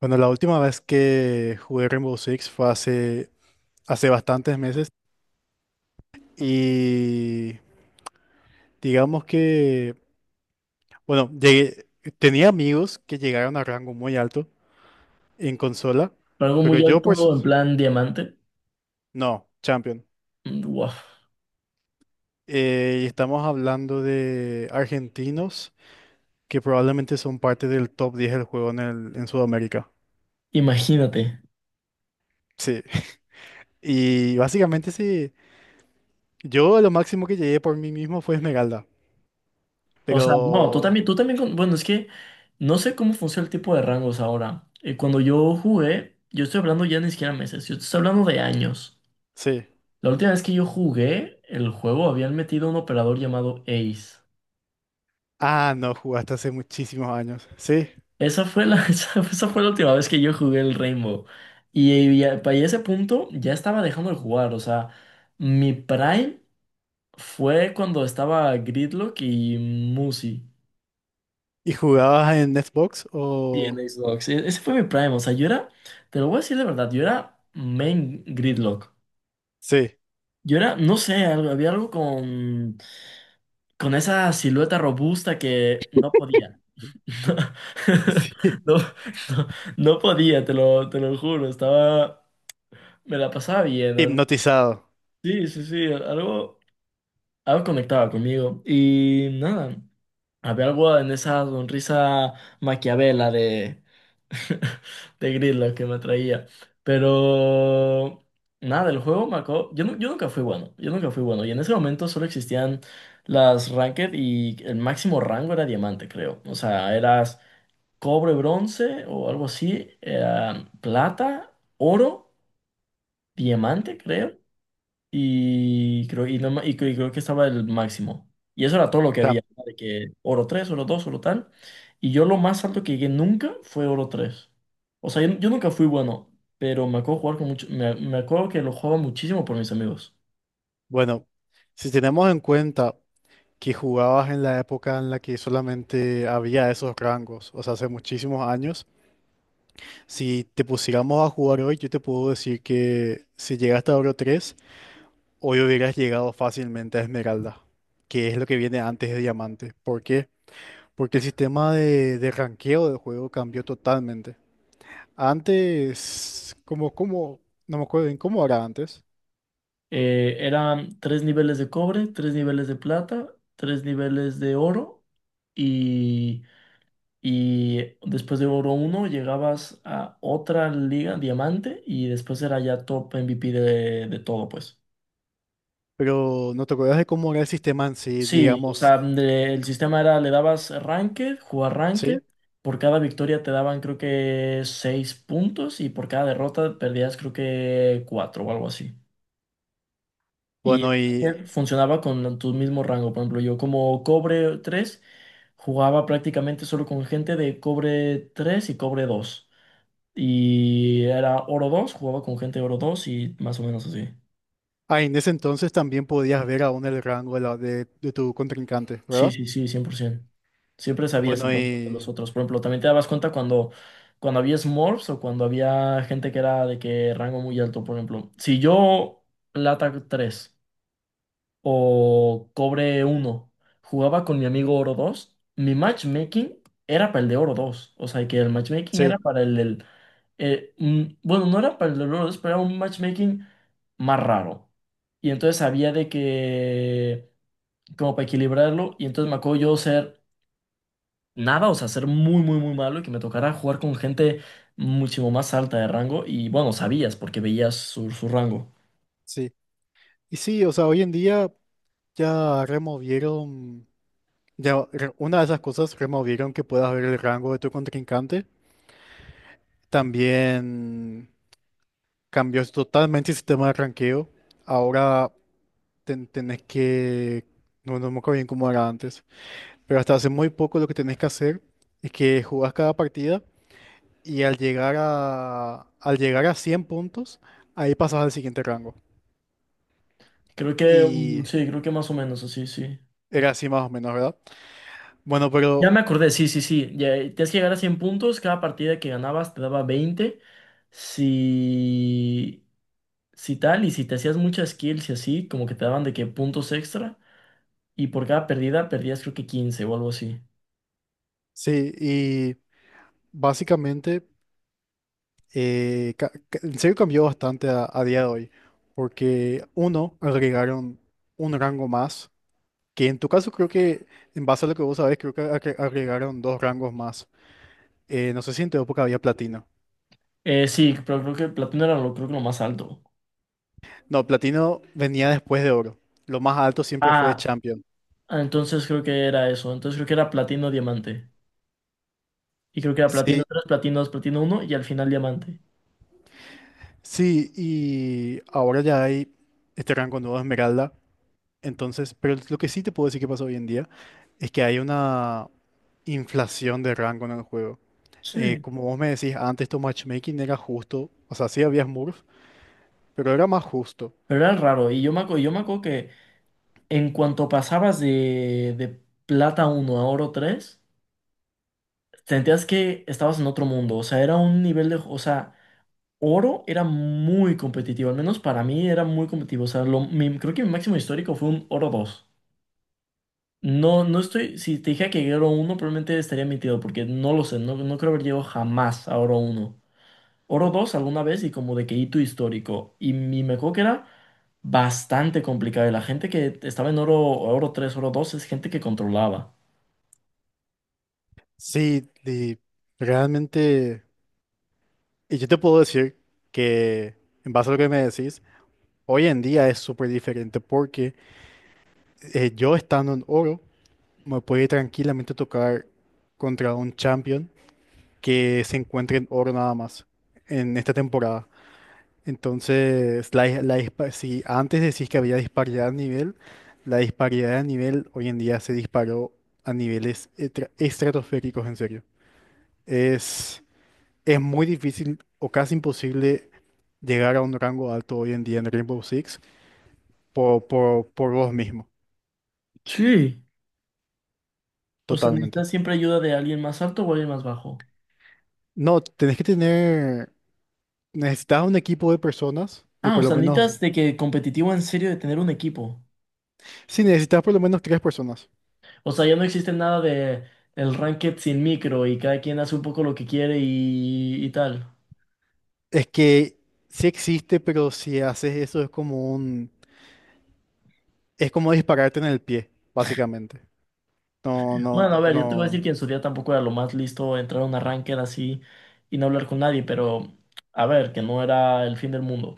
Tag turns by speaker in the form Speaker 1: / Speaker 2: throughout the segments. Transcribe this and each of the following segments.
Speaker 1: Bueno, la última vez que jugué Rainbow Six fue hace bastantes meses y digamos que, bueno, tenía amigos que llegaron a rango muy alto en consola,
Speaker 2: Pero algo
Speaker 1: pero
Speaker 2: muy
Speaker 1: yo pues
Speaker 2: alto, en plan diamante.
Speaker 1: no, Champion.
Speaker 2: Mm, wow.
Speaker 1: Y estamos hablando de argentinos que probablemente son parte del top 10 del juego en Sudamérica.
Speaker 2: Imagínate.
Speaker 1: Sí. Y básicamente sí, yo lo máximo que llegué por mí mismo fue Esmeralda,
Speaker 2: O sea, no,
Speaker 1: pero
Speaker 2: tú también, bueno, es que no sé cómo funciona el tipo de rangos ahora. Cuando yo jugué, yo estoy hablando ya ni siquiera meses, yo te estoy hablando de años.
Speaker 1: sí.
Speaker 2: La última vez que yo jugué el juego habían metido un operador llamado Ace.
Speaker 1: Ah, no, jugaste hace muchísimos años. Sí.
Speaker 2: Esa fue la, esa fue la última vez que yo jugué el Rainbow. Y, para ese punto ya estaba dejando de jugar, o sea, mi prime fue cuando estaba Gridlock y Musi.
Speaker 1: ¿Y jugabas en Xbox
Speaker 2: Sí, en
Speaker 1: o?
Speaker 2: Xbox. Ese fue mi prime. O sea, yo era, te lo voy a decir de verdad, yo era main gridlock.
Speaker 1: Sí,
Speaker 2: Yo era, no sé, había algo con, esa silueta robusta que no podía.
Speaker 1: sí.
Speaker 2: No, no, no podía, te lo, juro. Estaba, me la pasaba bien, ¿no?
Speaker 1: Hipnotizado.
Speaker 2: Sí, sí, sí, algo conectaba conmigo. Y nada, había algo en esa sonrisa maquiavela de de Gridlock que me traía. Pero nada, el juego me acabó. Yo nunca fui bueno, yo nunca fui bueno. Y en ese momento solo existían las Ranked y el máximo rango era diamante, creo. O sea, eras cobre, bronce o algo así, era plata, oro, diamante, creo. Y creo, y, no ma- y creo que estaba el máximo. Y eso era todo lo que había,
Speaker 1: Sam,
Speaker 2: ¿no? De que oro tres, oro dos, oro tal. Y yo lo más alto que llegué nunca fue oro tres. O sea, yo nunca fui bueno, pero me acuerdo jugar con mucho, me acuerdo que lo jugaba muchísimo por mis amigos.
Speaker 1: bueno, si tenemos en cuenta que jugabas en la época en la que solamente había esos rangos, o sea, hace muchísimos años, si te pusiéramos a jugar hoy, yo te puedo decir que si llegaste a Oro 3 hoy hubieras llegado fácilmente a Esmeralda, que es lo que viene antes de Diamante. ¿Por qué? Porque el sistema de ranqueo del juego cambió totalmente. Antes, como, no me acuerdo bien cómo era antes,
Speaker 2: Eran tres niveles de cobre, tres niveles de plata, tres niveles de oro y, y, después de oro uno llegabas a otra liga, diamante, y después era ya top MVP de todo, pues.
Speaker 1: pero no te acuerdas de cómo era el sistema en sí,
Speaker 2: Sí, o
Speaker 1: digamos,
Speaker 2: sea, el sistema era, le dabas ranked, jugar ranked,
Speaker 1: sí.
Speaker 2: por cada victoria te daban creo que seis puntos y por cada derrota perdías creo que cuatro o algo así. Y el
Speaker 1: Bueno, y
Speaker 2: ranked funcionaba con tu mismo rango, por ejemplo, yo como cobre 3 jugaba prácticamente solo con gente de cobre 3 y cobre dos. Y era oro 2, jugaba con gente de oro 2 y más o menos así.
Speaker 1: ah, en ese entonces también podías ver aún el rango de tu contrincante,
Speaker 2: Sí,
Speaker 1: ¿verdad?
Speaker 2: sí, sí, 100%. Siempre sabías
Speaker 1: Bueno,
Speaker 2: el rumbo de los
Speaker 1: y
Speaker 2: otros. Por ejemplo, también te dabas cuenta cuando había smurfs o cuando había gente que era de que rango muy alto. Por ejemplo, si yo Lata 3 o Cobre uno jugaba con mi amigo Oro dos, mi matchmaking era para el de Oro dos. O sea, que el matchmaking era
Speaker 1: sí,
Speaker 2: para el del... Bueno, no era para el de Oro dos, pero era un matchmaking más raro. Y entonces había de que, como para equilibrarlo, y entonces me acuerdo yo ser nada, o sea, ser muy, muy, muy malo y que me tocara jugar con gente muchísimo más alta de rango y bueno, sabías porque veías su rango.
Speaker 1: sí. Y sí, o sea, hoy en día ya removieron, una de esas cosas removieron que puedas ver el rango de tu contrincante. También cambió totalmente el sistema de ranqueo. Ahora, tenés que, no, no me acuerdo bien cómo era antes, pero hasta hace muy poco lo que tenés que hacer es que jugás cada partida y al llegar a 100 puntos, ahí pasas al siguiente rango.
Speaker 2: Creo que, mm,
Speaker 1: Y
Speaker 2: sí, creo que más o menos así, sí.
Speaker 1: era así más o menos, ¿verdad? Bueno,
Speaker 2: Ya
Speaker 1: pero
Speaker 2: me acordé, sí, sí, sí. Ya, tienes que llegar a 100 puntos, cada partida que ganabas te daba 20. Si, si tal, y si te hacías muchas kills y así, como que te daban de que puntos extra. Y por cada pérdida perdías creo que 15 o algo así.
Speaker 1: sí, y básicamente, en serio cambió bastante a día de hoy, porque uno, agregaron un rango más, que en tu caso creo que. En base a lo que vos sabés, creo que agregaron dos rangos más. No sé si en tu época había platino.
Speaker 2: Sí, pero creo que Platón era lo, creo que lo más alto.
Speaker 1: No, platino venía después de oro. Lo más alto siempre fue
Speaker 2: Ah,
Speaker 1: champion.
Speaker 2: Ah, Entonces creo que era eso. Entonces creo que era platino, diamante. Y creo que era platino
Speaker 1: Sí,
Speaker 2: tres, platino dos, platino uno y al final diamante.
Speaker 1: sí, y ahora ya hay este rango nuevo de esmeralda. Entonces, pero lo que sí te puedo decir que pasa hoy en día es que hay una inflación de rango en el juego.
Speaker 2: Sí.
Speaker 1: Como vos me decís, antes tu matchmaking era justo. O sea, sí había Smurf, pero era más justo.
Speaker 2: Pero era raro. Y yo me acuerdo que en cuanto pasabas de, plata uno a oro 3 sentías que estabas en otro mundo. O sea, era un nivel de. O sea, oro era muy competitivo. Al menos para mí era muy competitivo. O sea, creo que mi máximo histórico fue un oro dos. No, no estoy. Si te dije que oro uno probablemente estaría mintiendo porque no lo sé. No, no creo haber llegado jamás a oro uno. Oro 2 alguna vez y como de que hito histórico. Y mi me acuerdo que era bastante complicado. Y la gente que estaba en oro, oro tres, oro 2 es gente que controlaba.
Speaker 1: Sí, y realmente. Y yo te puedo decir que, en base a lo que me decís, hoy en día es súper diferente porque yo estando en oro me puede tranquilamente tocar contra un champion que se encuentre en oro nada más en esta temporada. Entonces, la, dis- la dispa- si antes decís que había disparidad de nivel, la disparidad de nivel hoy en día se disparó a niveles estratosféricos, en serio. Es, es muy difícil o casi imposible llegar a un rango alto hoy en día en Rainbow Six por vos mismo,
Speaker 2: Sí. O sea,
Speaker 1: totalmente.
Speaker 2: necesitas siempre ayuda de alguien más alto o alguien más bajo.
Speaker 1: No, tenés que tener, necesitas un equipo de personas, de
Speaker 2: Ah, o
Speaker 1: por lo
Speaker 2: sea, necesitas
Speaker 1: menos,
Speaker 2: de que competitivo en serio de tener un equipo.
Speaker 1: sí, necesitas por lo menos tres personas.
Speaker 2: O sea, ya no existe nada de el ranked sin micro y cada quien hace un poco lo que quiere y, tal.
Speaker 1: Es que sí existe, pero si haces eso es como un, es como dispararte en el pie, básicamente. No, no,
Speaker 2: Bueno, a ver, yo te voy a decir
Speaker 1: no,
Speaker 2: que en su día tampoco era lo más listo entrar a una ranked así y no hablar con nadie, pero a ver, que no era el fin del mundo.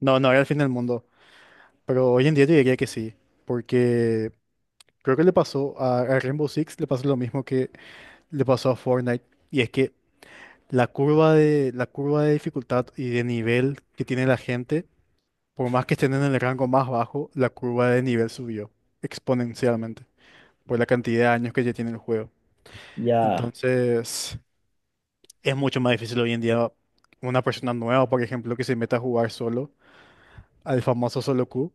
Speaker 1: no, no era el fin del mundo. Pero hoy en día yo diría que sí, porque creo que le pasó a Rainbow Six, le pasó lo mismo que le pasó a Fortnite, y es que la curva de dificultad y de nivel que tiene la gente. Por más que estén en el rango más bajo, la curva de nivel subió exponencialmente por la cantidad de años que ya tiene el juego.
Speaker 2: Ya,
Speaker 1: Entonces, es mucho más difícil hoy en día una persona nueva, por ejemplo, que se meta a jugar solo al famoso solo queue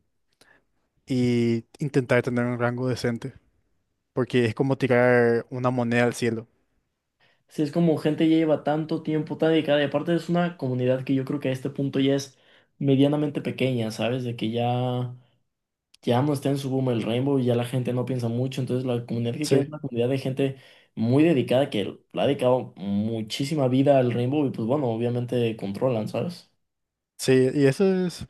Speaker 1: y intentar tener un rango decente, porque es como tirar una moneda al cielo.
Speaker 2: si es como gente ya lleva tanto tiempo tan dedicada, y aparte es una comunidad que yo creo que a este punto ya es medianamente pequeña, ¿sabes? De que ya no está en su boom el Rainbow y ya la gente no piensa mucho, entonces la comunidad que queda
Speaker 1: Sí,
Speaker 2: es una comunidad de gente muy dedicada que le ha dedicado muchísima vida al Rainbow y pues bueno, obviamente controlan, ¿sabes?
Speaker 1: sí, y eso es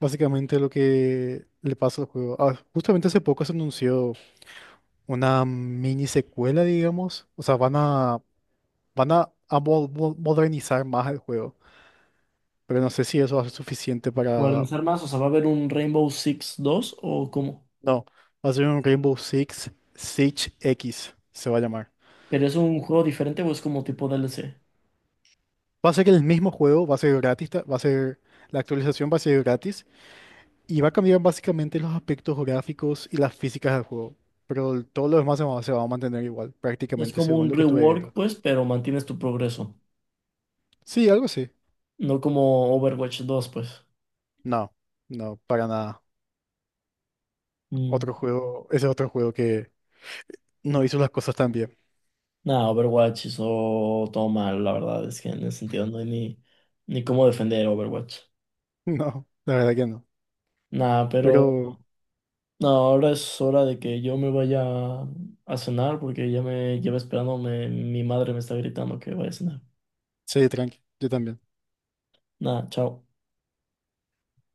Speaker 1: básicamente lo que le pasa al juego. Ah, justamente hace poco se anunció una mini secuela, digamos. O sea, van a modernizar más el juego, pero no sé si eso va a ser suficiente para.
Speaker 2: Modernizar más, o sea, ¿va a haber un Rainbow Six 2 o cómo?
Speaker 1: No, va a ser un Rainbow Six Siege X, se va a llamar.
Speaker 2: ¿Pero es un juego diferente o es como tipo DLC?
Speaker 1: Va a ser el mismo juego, va a ser gratis, va a ser. La actualización va a ser gratis y va a cambiar básicamente los aspectos gráficos y las físicas del juego, pero todo lo demás se va a mantener igual,
Speaker 2: Es
Speaker 1: prácticamente
Speaker 2: como
Speaker 1: según
Speaker 2: un
Speaker 1: lo que estuve
Speaker 2: rework,
Speaker 1: viendo.
Speaker 2: pues, pero mantienes tu progreso.
Speaker 1: Sí, algo así.
Speaker 2: No como Overwatch 2, pues.
Speaker 1: No, no, para nada.
Speaker 2: Mm.
Speaker 1: Otro juego, ese otro juego que no hizo las cosas tan bien.
Speaker 2: Nada, Overwatch hizo todo mal, la verdad, es que en ese sentido no hay ni, cómo defender Overwatch.
Speaker 1: No, la verdad que no.
Speaker 2: Nada, pero
Speaker 1: Pero
Speaker 2: no, ahora es hora de que yo me vaya a cenar porque ya me lleva esperando, mi madre me está gritando que vaya a cenar.
Speaker 1: Sí, tranqui, yo también.
Speaker 2: Nada, chao.